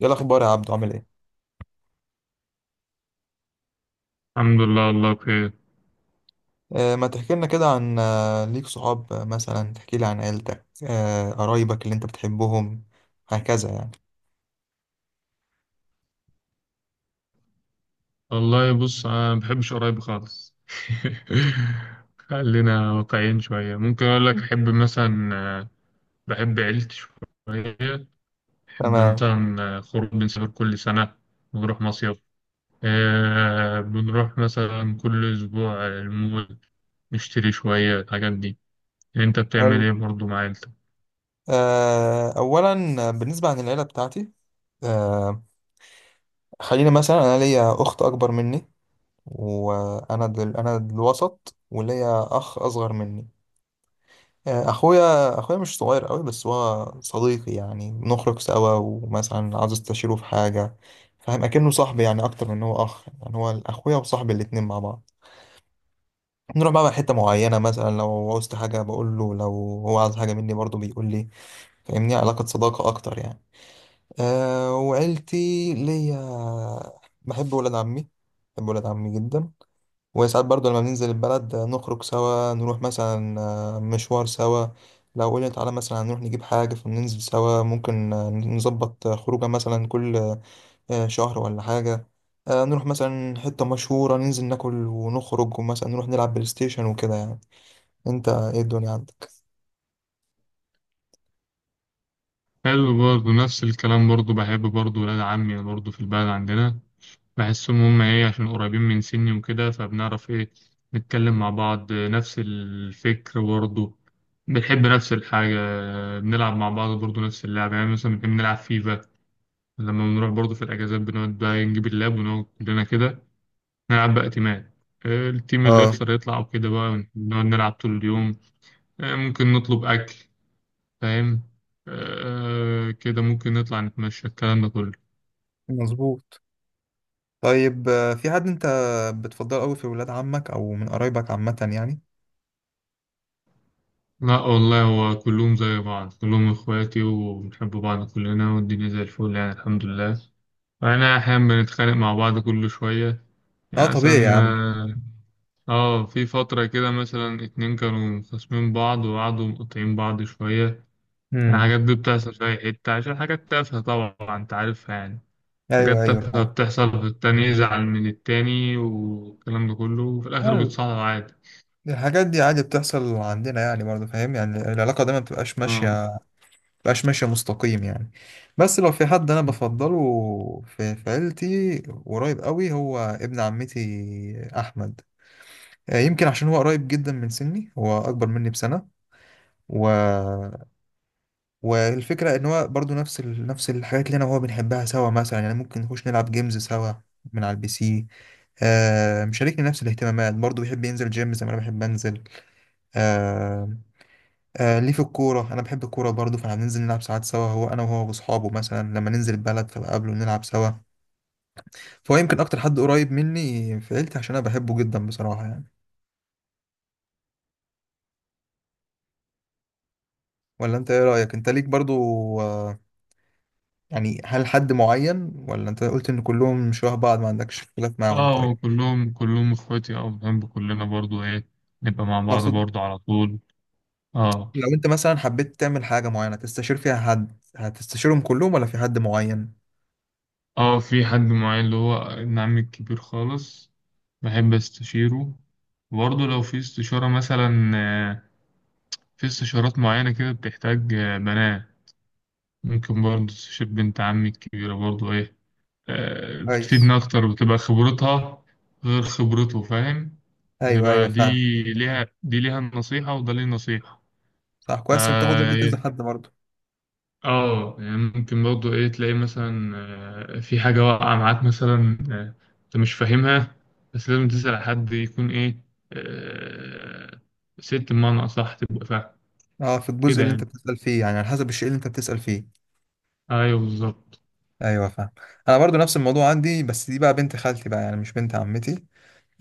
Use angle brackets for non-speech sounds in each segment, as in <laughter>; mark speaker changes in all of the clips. Speaker 1: ايه الاخبار يا عبدو؟ عامل ايه؟
Speaker 2: الحمد لله، والله بخير.
Speaker 1: ما تحكي لنا كده عن ليك صحاب، مثلا تحكي لي عن عيلتك، قرايبك اللي انت بتحبهم هكذا يعني.
Speaker 2: والله بص، انا ما بحبش قرايبي خالص. <laughs> خلينا واقعيين شويه. ممكن اقول لك احب مثلا بحب عيلتي شويه. بحب
Speaker 1: تمام.
Speaker 2: مثلا خروج، بنسافر كل سنه، بنروح مصيف. بنروح مثلا كل اسبوع المول، نشتري شويه الحاجات دي. انت بتعمل
Speaker 1: حلو.
Speaker 2: ايه برضه مع عيلتك؟
Speaker 1: اولا، بالنسبه عن العيله بتاعتي، آه خلينا مثلا. انا ليا اخت اكبر مني، وانا دل انا الوسط، وليا اخ اصغر مني. اخويا مش صغير قوي بس هو صديقي، يعني بنخرج سوا ومثلا عاوز استشيره في حاجه. فاهم؟ اكنه صاحبي، يعني اكتر من إن هو اخ، يعني هو اخويا وصاحبي الاتنين مع بعض. نروح بقى حته معينه، مثلا لو عاوزت حاجه بقول له، لو هو عايز حاجه مني برضه بيقول لي. فاهمني؟ علاقه صداقه اكتر يعني. أه، وعيلتي، ليا، بحب ولاد عمي. بحب ولاد عمي جدا. وساعات برضو لما بننزل البلد، نخرج سوا، نروح مثلا مشوار سوا. لو قلنا تعالى مثلا هنروح نجيب حاجة فننزل سوا، ممكن نظبط خروجة مثلا كل شهر ولا حاجة. نروح مثلا حتة مشهورة، ننزل ناكل ونخرج، ومثلا نروح نلعب بلاي ستيشن وكده يعني. انت ايه الدنيا عندك؟
Speaker 2: حلو، برضه نفس الكلام. برضه بحب برضه ولاد عمي برضه في البلد عندنا. بحسهم هم ايه، عشان قريبين من سني وكده، فبنعرف ايه، نتكلم مع بعض، نفس الفكر برضه، بنحب نفس الحاجة، بنلعب مع بعض برضه نفس اللعبة. يعني مثلا بنحب نلعب فيفا. لما بنروح برضه في الأجازات بنقعد بقى نجيب اللاب ونقعد كلنا كده نلعب بقى تيمات. التيم اللي
Speaker 1: اه.
Speaker 2: يخسر يطلع وكده بقى، نقعد نلعب طول اليوم. ممكن نطلب أكل، فاهم؟ كده ممكن نطلع نتمشى، الكلام ده كله.
Speaker 1: مظبوط. طيب في حد انت بتفضله قوي في ولاد عمك او من قرايبك عامة يعني؟
Speaker 2: لا والله، هو كلهم زي بعض، كلهم إخواتي وبنحب بعض كلنا، والدنيا زي الفل يعني، الحمد لله. وأنا أحيانا بنتخانق مع بعض كل شوية.
Speaker 1: اه
Speaker 2: يعني
Speaker 1: طبيعي يا
Speaker 2: مثلا
Speaker 1: عم.
Speaker 2: في فترة كده مثلا اتنين كانوا خاصمين بعض وقعدوا مقاطعين بعض شوية.
Speaker 1: امم
Speaker 2: الحاجات دي بتحصل في أي حتة، عشان حاجات تافهة طبعا أنت عارفها يعني.
Speaker 1: ايوه،
Speaker 2: حاجات
Speaker 1: ايوه.
Speaker 2: تافهة بتحصل، في التاني يزعل من التاني، والكلام ده كله، وفي الآخر
Speaker 1: فاهم.
Speaker 2: بيتصالحوا عادي.
Speaker 1: الحاجات دي عادي بتحصل عندنا يعني، برضه فاهم، يعني العلاقة دايما بتبقاش
Speaker 2: آه،
Speaker 1: ماشية، بتبقاش ماشية مستقيم يعني. بس لو في حد أنا بفضله في عيلتي قريب قوي، هو ابن عمتي أحمد. يمكن عشان هو قريب جدا من سني، هو أكبر مني بسنة. و... والفكرة إن هو برضه نفس الحاجات اللي أنا وهو بنحبها سوا، مثلا يعني ممكن نخش نلعب جيمز سوا من على البي سي. مشاركني نفس الاهتمامات، برضه بيحب ينزل جيم زي ما أنا بحب أنزل. آه، ليه في الكورة، أنا بحب الكورة برضه، فإحنا بننزل نلعب ساعات سوا، هو أنا وهو وأصحابه، مثلا لما ننزل البلد فبقابله نلعب سوا. فهو يمكن أكتر حد قريب مني في عيلتي، عشان أنا بحبه جدا بصراحة يعني. ولا أنت إيه رأيك؟ أنت ليك برضه آه يعني هل حد معين، ولا أنت قلت إن كلهم شبه بعض ما عندكش اختلاف معاهم؟ طيب.
Speaker 2: اه كلهم اخواتي، اه بنحب كلنا برضو ايه، نبقى مع بعض
Speaker 1: أقصد
Speaker 2: برضو على طول. اه،
Speaker 1: لو أنت مثلا حبيت تعمل حاجة معينة تستشير فيها حد، هتستشيرهم كلهم ولا في حد معين؟
Speaker 2: اه في حد معين، اللي هو ابن عمي الكبير خالص، بحب استشيره. برضو لو في استشارة مثلا في استشارات معينة كده بتحتاج بنات، ممكن برضو استشير بنت عمي الكبيرة برضو ايه.
Speaker 1: كويس.
Speaker 2: بتفيدنا اكتر، بتبقى خبرتها غير خبرته، فاهم؟
Speaker 1: أيوه، أيوه
Speaker 2: بتبقى دي
Speaker 1: فاهم.
Speaker 2: ليها، دي ليها النصيحة وده ليه النصيحة.
Speaker 1: صح، كويس إنك تاخد رأي كذا حد برضه.
Speaker 2: اه يعني ممكن برضه ايه تلاقي مثلا في حاجة واقعة معاك مثلا، انت مش فاهمها، بس لازم تسأل حد يكون ايه، آه، ست بمعنى أصح، تبقى فاهم
Speaker 1: اه، في الجزء
Speaker 2: كده
Speaker 1: اللي انت
Speaker 2: يعني.
Speaker 1: بتسأل فيه، يعني على حسب الشيء اللي انت بتسأل فيه.
Speaker 2: ايوه بالظبط.
Speaker 1: ايوه فاهم. انا برضو نفس الموضوع عندي، بس دي بقى بنت خالتي بقى، يعني مش بنت عمتي.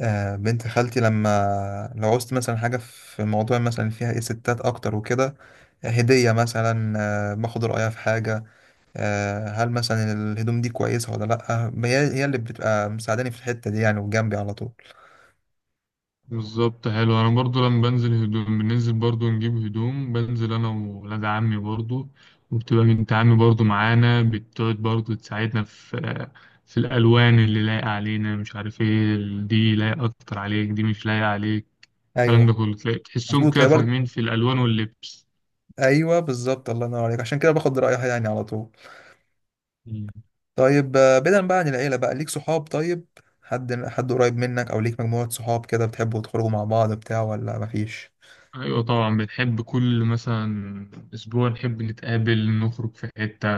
Speaker 1: آه بنت خالتي، لما لو عوزت مثلا حاجة في موضوع مثلا فيها ايه ستات اكتر وكده، هدية مثلا، باخد رأيها في حاجة. هل مثلا الهدوم دي كويسة ولا لأ، هي اللي بتبقى مساعداني في الحتة دي يعني، وجنبي على طول.
Speaker 2: بالظبط، حلو. انا برضو لما بنزل هدوم، بننزل برضو نجيب هدوم، بنزل انا وولاد عمي برضو، وبتبقى بنت عمي برضو معانا، بتقعد برضو تساعدنا في في الالوان اللي لايقه علينا، مش عارف ايه، دي لايقه اكتر عليك، دي مش لايقه عليك، الكلام ده
Speaker 1: ايوه،
Speaker 2: كله. تلاقي تحسهم
Speaker 1: مظبوط.
Speaker 2: كده
Speaker 1: هي برضو.
Speaker 2: فاهمين في الألوان واللبس.
Speaker 1: ايوه، بالظبط. الله ينور عليك، عشان كده باخد رأيها يعني على طول.
Speaker 2: مم.
Speaker 1: طيب بعيدا بقى عن العيلة، بقى ليك صحاب طيب؟ حد حد قريب منك، او ليك مجموعة صحاب كده بتحبوا تخرجوا مع بعض بتاع، ولا مفيش؟
Speaker 2: أيوة طبعا، بنحب كل مثلا أسبوع نحب نتقابل، نخرج في حتة.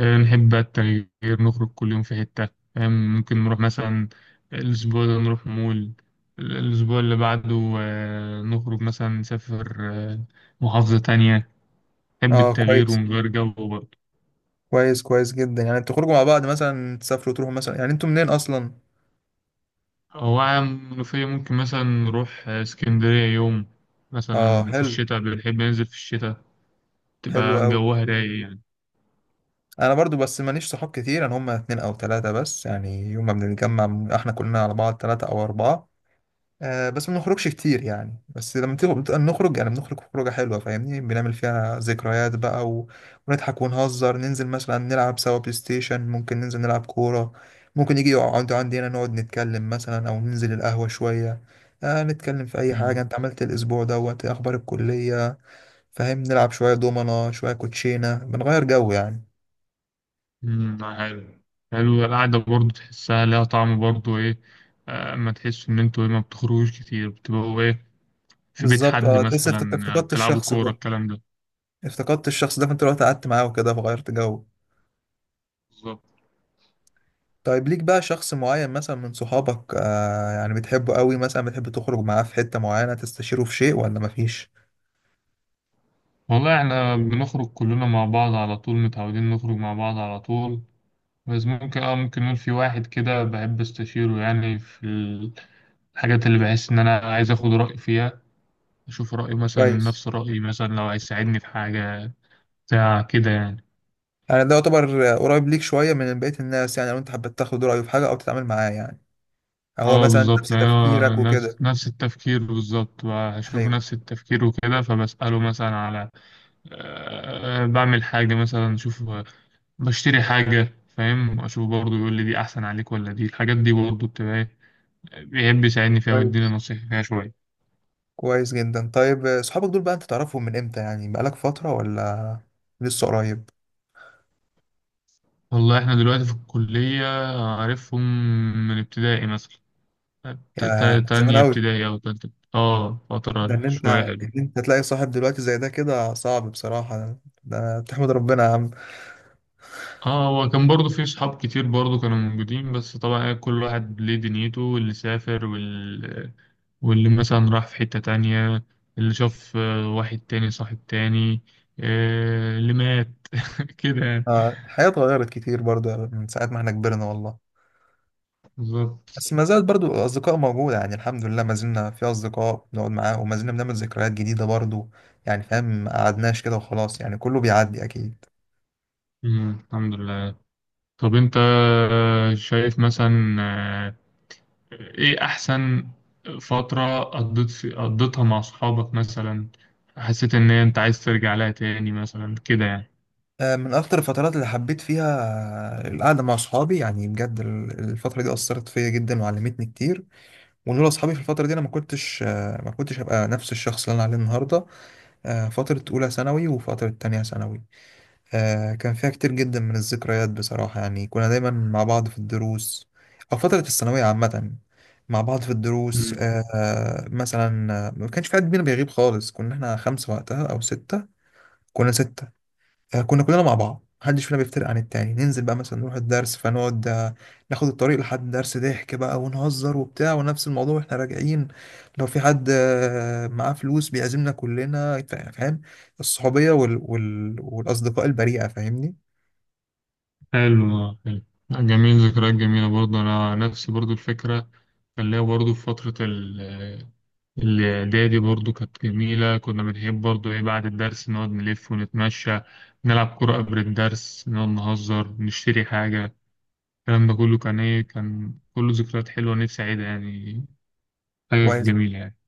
Speaker 2: نحب بقى التغيير، نخرج كل يوم في حتة، فاهم؟ ممكن نروح مثلا الأسبوع ده نروح مول، الأسبوع اللي بعده نخرج مثلا نسافر محافظة تانية. نحب
Speaker 1: اه،
Speaker 2: التغيير
Speaker 1: كويس.
Speaker 2: ونغير جو برضه.
Speaker 1: كويس، كويس جدا. يعني انتوا تخرجوا مع بعض مثلا، تسافروا تروحوا مثلا، يعني انتوا منين اصلا؟
Speaker 2: هو عام منوفية، ممكن مثلا نروح اسكندرية يوم،
Speaker 1: اه
Speaker 2: مثلا في
Speaker 1: حلو.
Speaker 2: الشتاء، بنحب ننزل في الشتاء
Speaker 1: حلو
Speaker 2: تبقى
Speaker 1: قوي.
Speaker 2: جوها رايق يعني.
Speaker 1: انا برضو بس ماليش صحاب كتير، انا هم اتنين او تلاتة بس يعني، يوم ما بنتجمع بنبقى احنا كلنا على بعض تلاتة او اربعة. بس ما بنخرجش كتير يعني، بس لما تيجي بتبقى نخرج يعني، بنخرج خروجة حلوة فاهمني، بنعمل فيها ذكريات بقى ونضحك ونهزر، ننزل مثلا نلعب سوا بلاي ستيشن، ممكن ننزل نلعب كورة. ممكن يجي يقعد عندي هنا، نقعد نتكلم مثلا، أو ننزل القهوة شوية. نتكلم في أي حاجة،
Speaker 2: مم.
Speaker 1: أنت عملت الأسبوع دوت إيه، أخبار الكلية. فاهم؟ نلعب شوية دومنة، شوية كوتشينة، بنغير جو يعني.
Speaker 2: مم، حلو. حلو القعدة برضه، تحسها لها طعم برضه إيه. أما تحس إن أنتوا إيه، ما بتخرجوش كتير، بتبقوا إيه في بيت
Speaker 1: بالظبط.
Speaker 2: حد
Speaker 1: اه، تحس
Speaker 2: مثلا،
Speaker 1: افتقدت
Speaker 2: بتلعبوا
Speaker 1: الشخص
Speaker 2: كورة،
Speaker 1: ده.
Speaker 2: الكلام ده.
Speaker 1: افتقدت الشخص ده، فأنت رحت قعدت معاه وكده فغيرت جو.
Speaker 2: بالظبط.
Speaker 1: طيب، ليك بقى شخص معين مثلا من صحابك، يعني بتحبه قوي، مثلا بتحب تخرج معاه في حتة معينة، تستشيره في شيء، ولا مفيش؟
Speaker 2: والله إحنا بنخرج كلنا مع بعض على طول، متعودين نخرج مع بعض على طول. بس ممكن ممكن نقول في واحد كده بحب أستشيره يعني في الحاجات اللي بحس إن أنا عايز آخد رأي فيها، أشوف رأيه مثلا
Speaker 1: كويس.
Speaker 2: نفس رأيي، مثلا لو هيساعدني في حاجة، بتاع كده يعني.
Speaker 1: يعني ده يعتبر قريب ليك شوية من بقية الناس يعني، لو انت حبيت تاخد رأيه في حاجة او تتعامل معاه يعني، هو
Speaker 2: اه
Speaker 1: مثلا نفس
Speaker 2: بالظبط، يعني هو
Speaker 1: تفكيرك
Speaker 2: نفس
Speaker 1: وكده.
Speaker 2: التفكير بالظبط، هشوفه
Speaker 1: ايوه.
Speaker 2: نفس التفكير وكده، فبسأله مثلا على أه آه، بعمل حاجة مثلا، أشوف بشتري حاجة، فاهم؟ أشوف برضه يقول لي دي أحسن عليك ولا دي. الحاجات دي برضه بتبقى إيه، بيحب يساعدني فيها ويديني
Speaker 1: كويس.
Speaker 2: نصيحة فيها شوية.
Speaker 1: كويس جدا. طيب صحابك دول بقى انت تعرفهم من امتى يعني، بقالك فترة ولا لسه قريب؟
Speaker 2: والله إحنا دلوقتي في الكلية، عارفهم من ابتدائي مثلا.
Speaker 1: يا من زمان
Speaker 2: تانية
Speaker 1: قوي.
Speaker 2: ابتدائي أو تالتة، اه
Speaker 1: ده
Speaker 2: فترة
Speaker 1: ان انت
Speaker 2: شوية حلوة.
Speaker 1: ان انت تلاقي صاحب دلوقتي زي ده كده صعب بصراحة، ده تحمد ربنا يا عم.
Speaker 2: اه، هو كان برضه في صحاب كتير برضه كانوا موجودين، بس طبعا إيه، كل واحد ليه دنيته، واللي سافر واللي مثلا راح في حتة تانية، اللي شاف واحد تاني صاحب تاني، اللي مات <laughs> كده يعني.
Speaker 1: آه، الحياة اتغيرت كتير برضو، يعني من ساعة ما احنا كبرنا والله.
Speaker 2: بالظبط.
Speaker 1: بس ما زالت برضو الأصدقاء موجودة يعني، الحمد لله ما زلنا في أصدقاء بنقعد معاهم، وما زلنا بنعمل ذكريات جديدة برضو يعني، فاهم ما قعدناش كده وخلاص يعني، كله بيعدي أكيد.
Speaker 2: مم، الحمد لله. طب انت شايف مثلا ايه احسن فترة قضيتها مع صحابك، مثلا حسيت ان انت عايز ترجع لها تاني مثلا كده يعني؟
Speaker 1: من أكتر الفترات اللي حبيت فيها القعدة مع أصحابي يعني بجد، الفترة دي أثرت فيا جدا وعلمتني كتير. ولولا أصحابي في الفترة دي أنا ما كنتش هبقى نفس الشخص اللي أنا عليه النهاردة. فترة أولى ثانوي وفترة تانية ثانوي، كان فيها كتير جدا من الذكريات بصراحة يعني، كنا دايما مع بعض في الدروس، أو فترة الثانوية عامة. مع بعض في الدروس، مثلا، ما كانش في حد بينا بيغيب خالص، كنا احنا خمسة وقتها أو ستة. كنا ستة. كنا كلنا مع بعض، محدش فينا بيفترق عن التاني، ننزل بقى مثلا نروح الدرس فنقعد، ناخد الطريق لحد الدرس، ضحك بقى ونهزر وبتاع، ونفس الموضوع واحنا راجعين. لو في حد معاه فلوس بيعزمنا كلنا. فاهم؟ الصحوبية والأصدقاء البريئة فاهمني.
Speaker 2: حلو، حلو، جميل. ذكريات جميلة برضه. أنا نفسي برضه الفكرة، كان ليا برضه في فترة الإعدادي برضه، كانت جميلة. كنا بنحب برضه إيه، بعد الدرس نقعد نلف ونتمشى، نلعب كرة قبل الدرس، نقعد نهزر، نشتري حاجة، الكلام ده كله، كان إيه، كان كله ذكريات حلوة، نفسي أعيدها يعني. حاجة
Speaker 1: كويس.
Speaker 2: جميلة يعني.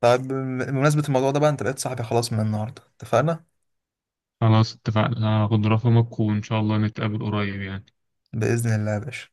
Speaker 1: طيب بمناسبة الموضوع ده بقى انت بقيت صاحبي خلاص من النهاردة، اتفقنا؟
Speaker 2: خلاص اتفقنا، هاخد رقمك وإن شاء الله نتقابل قريب يعني.
Speaker 1: بإذن الله يا باشا.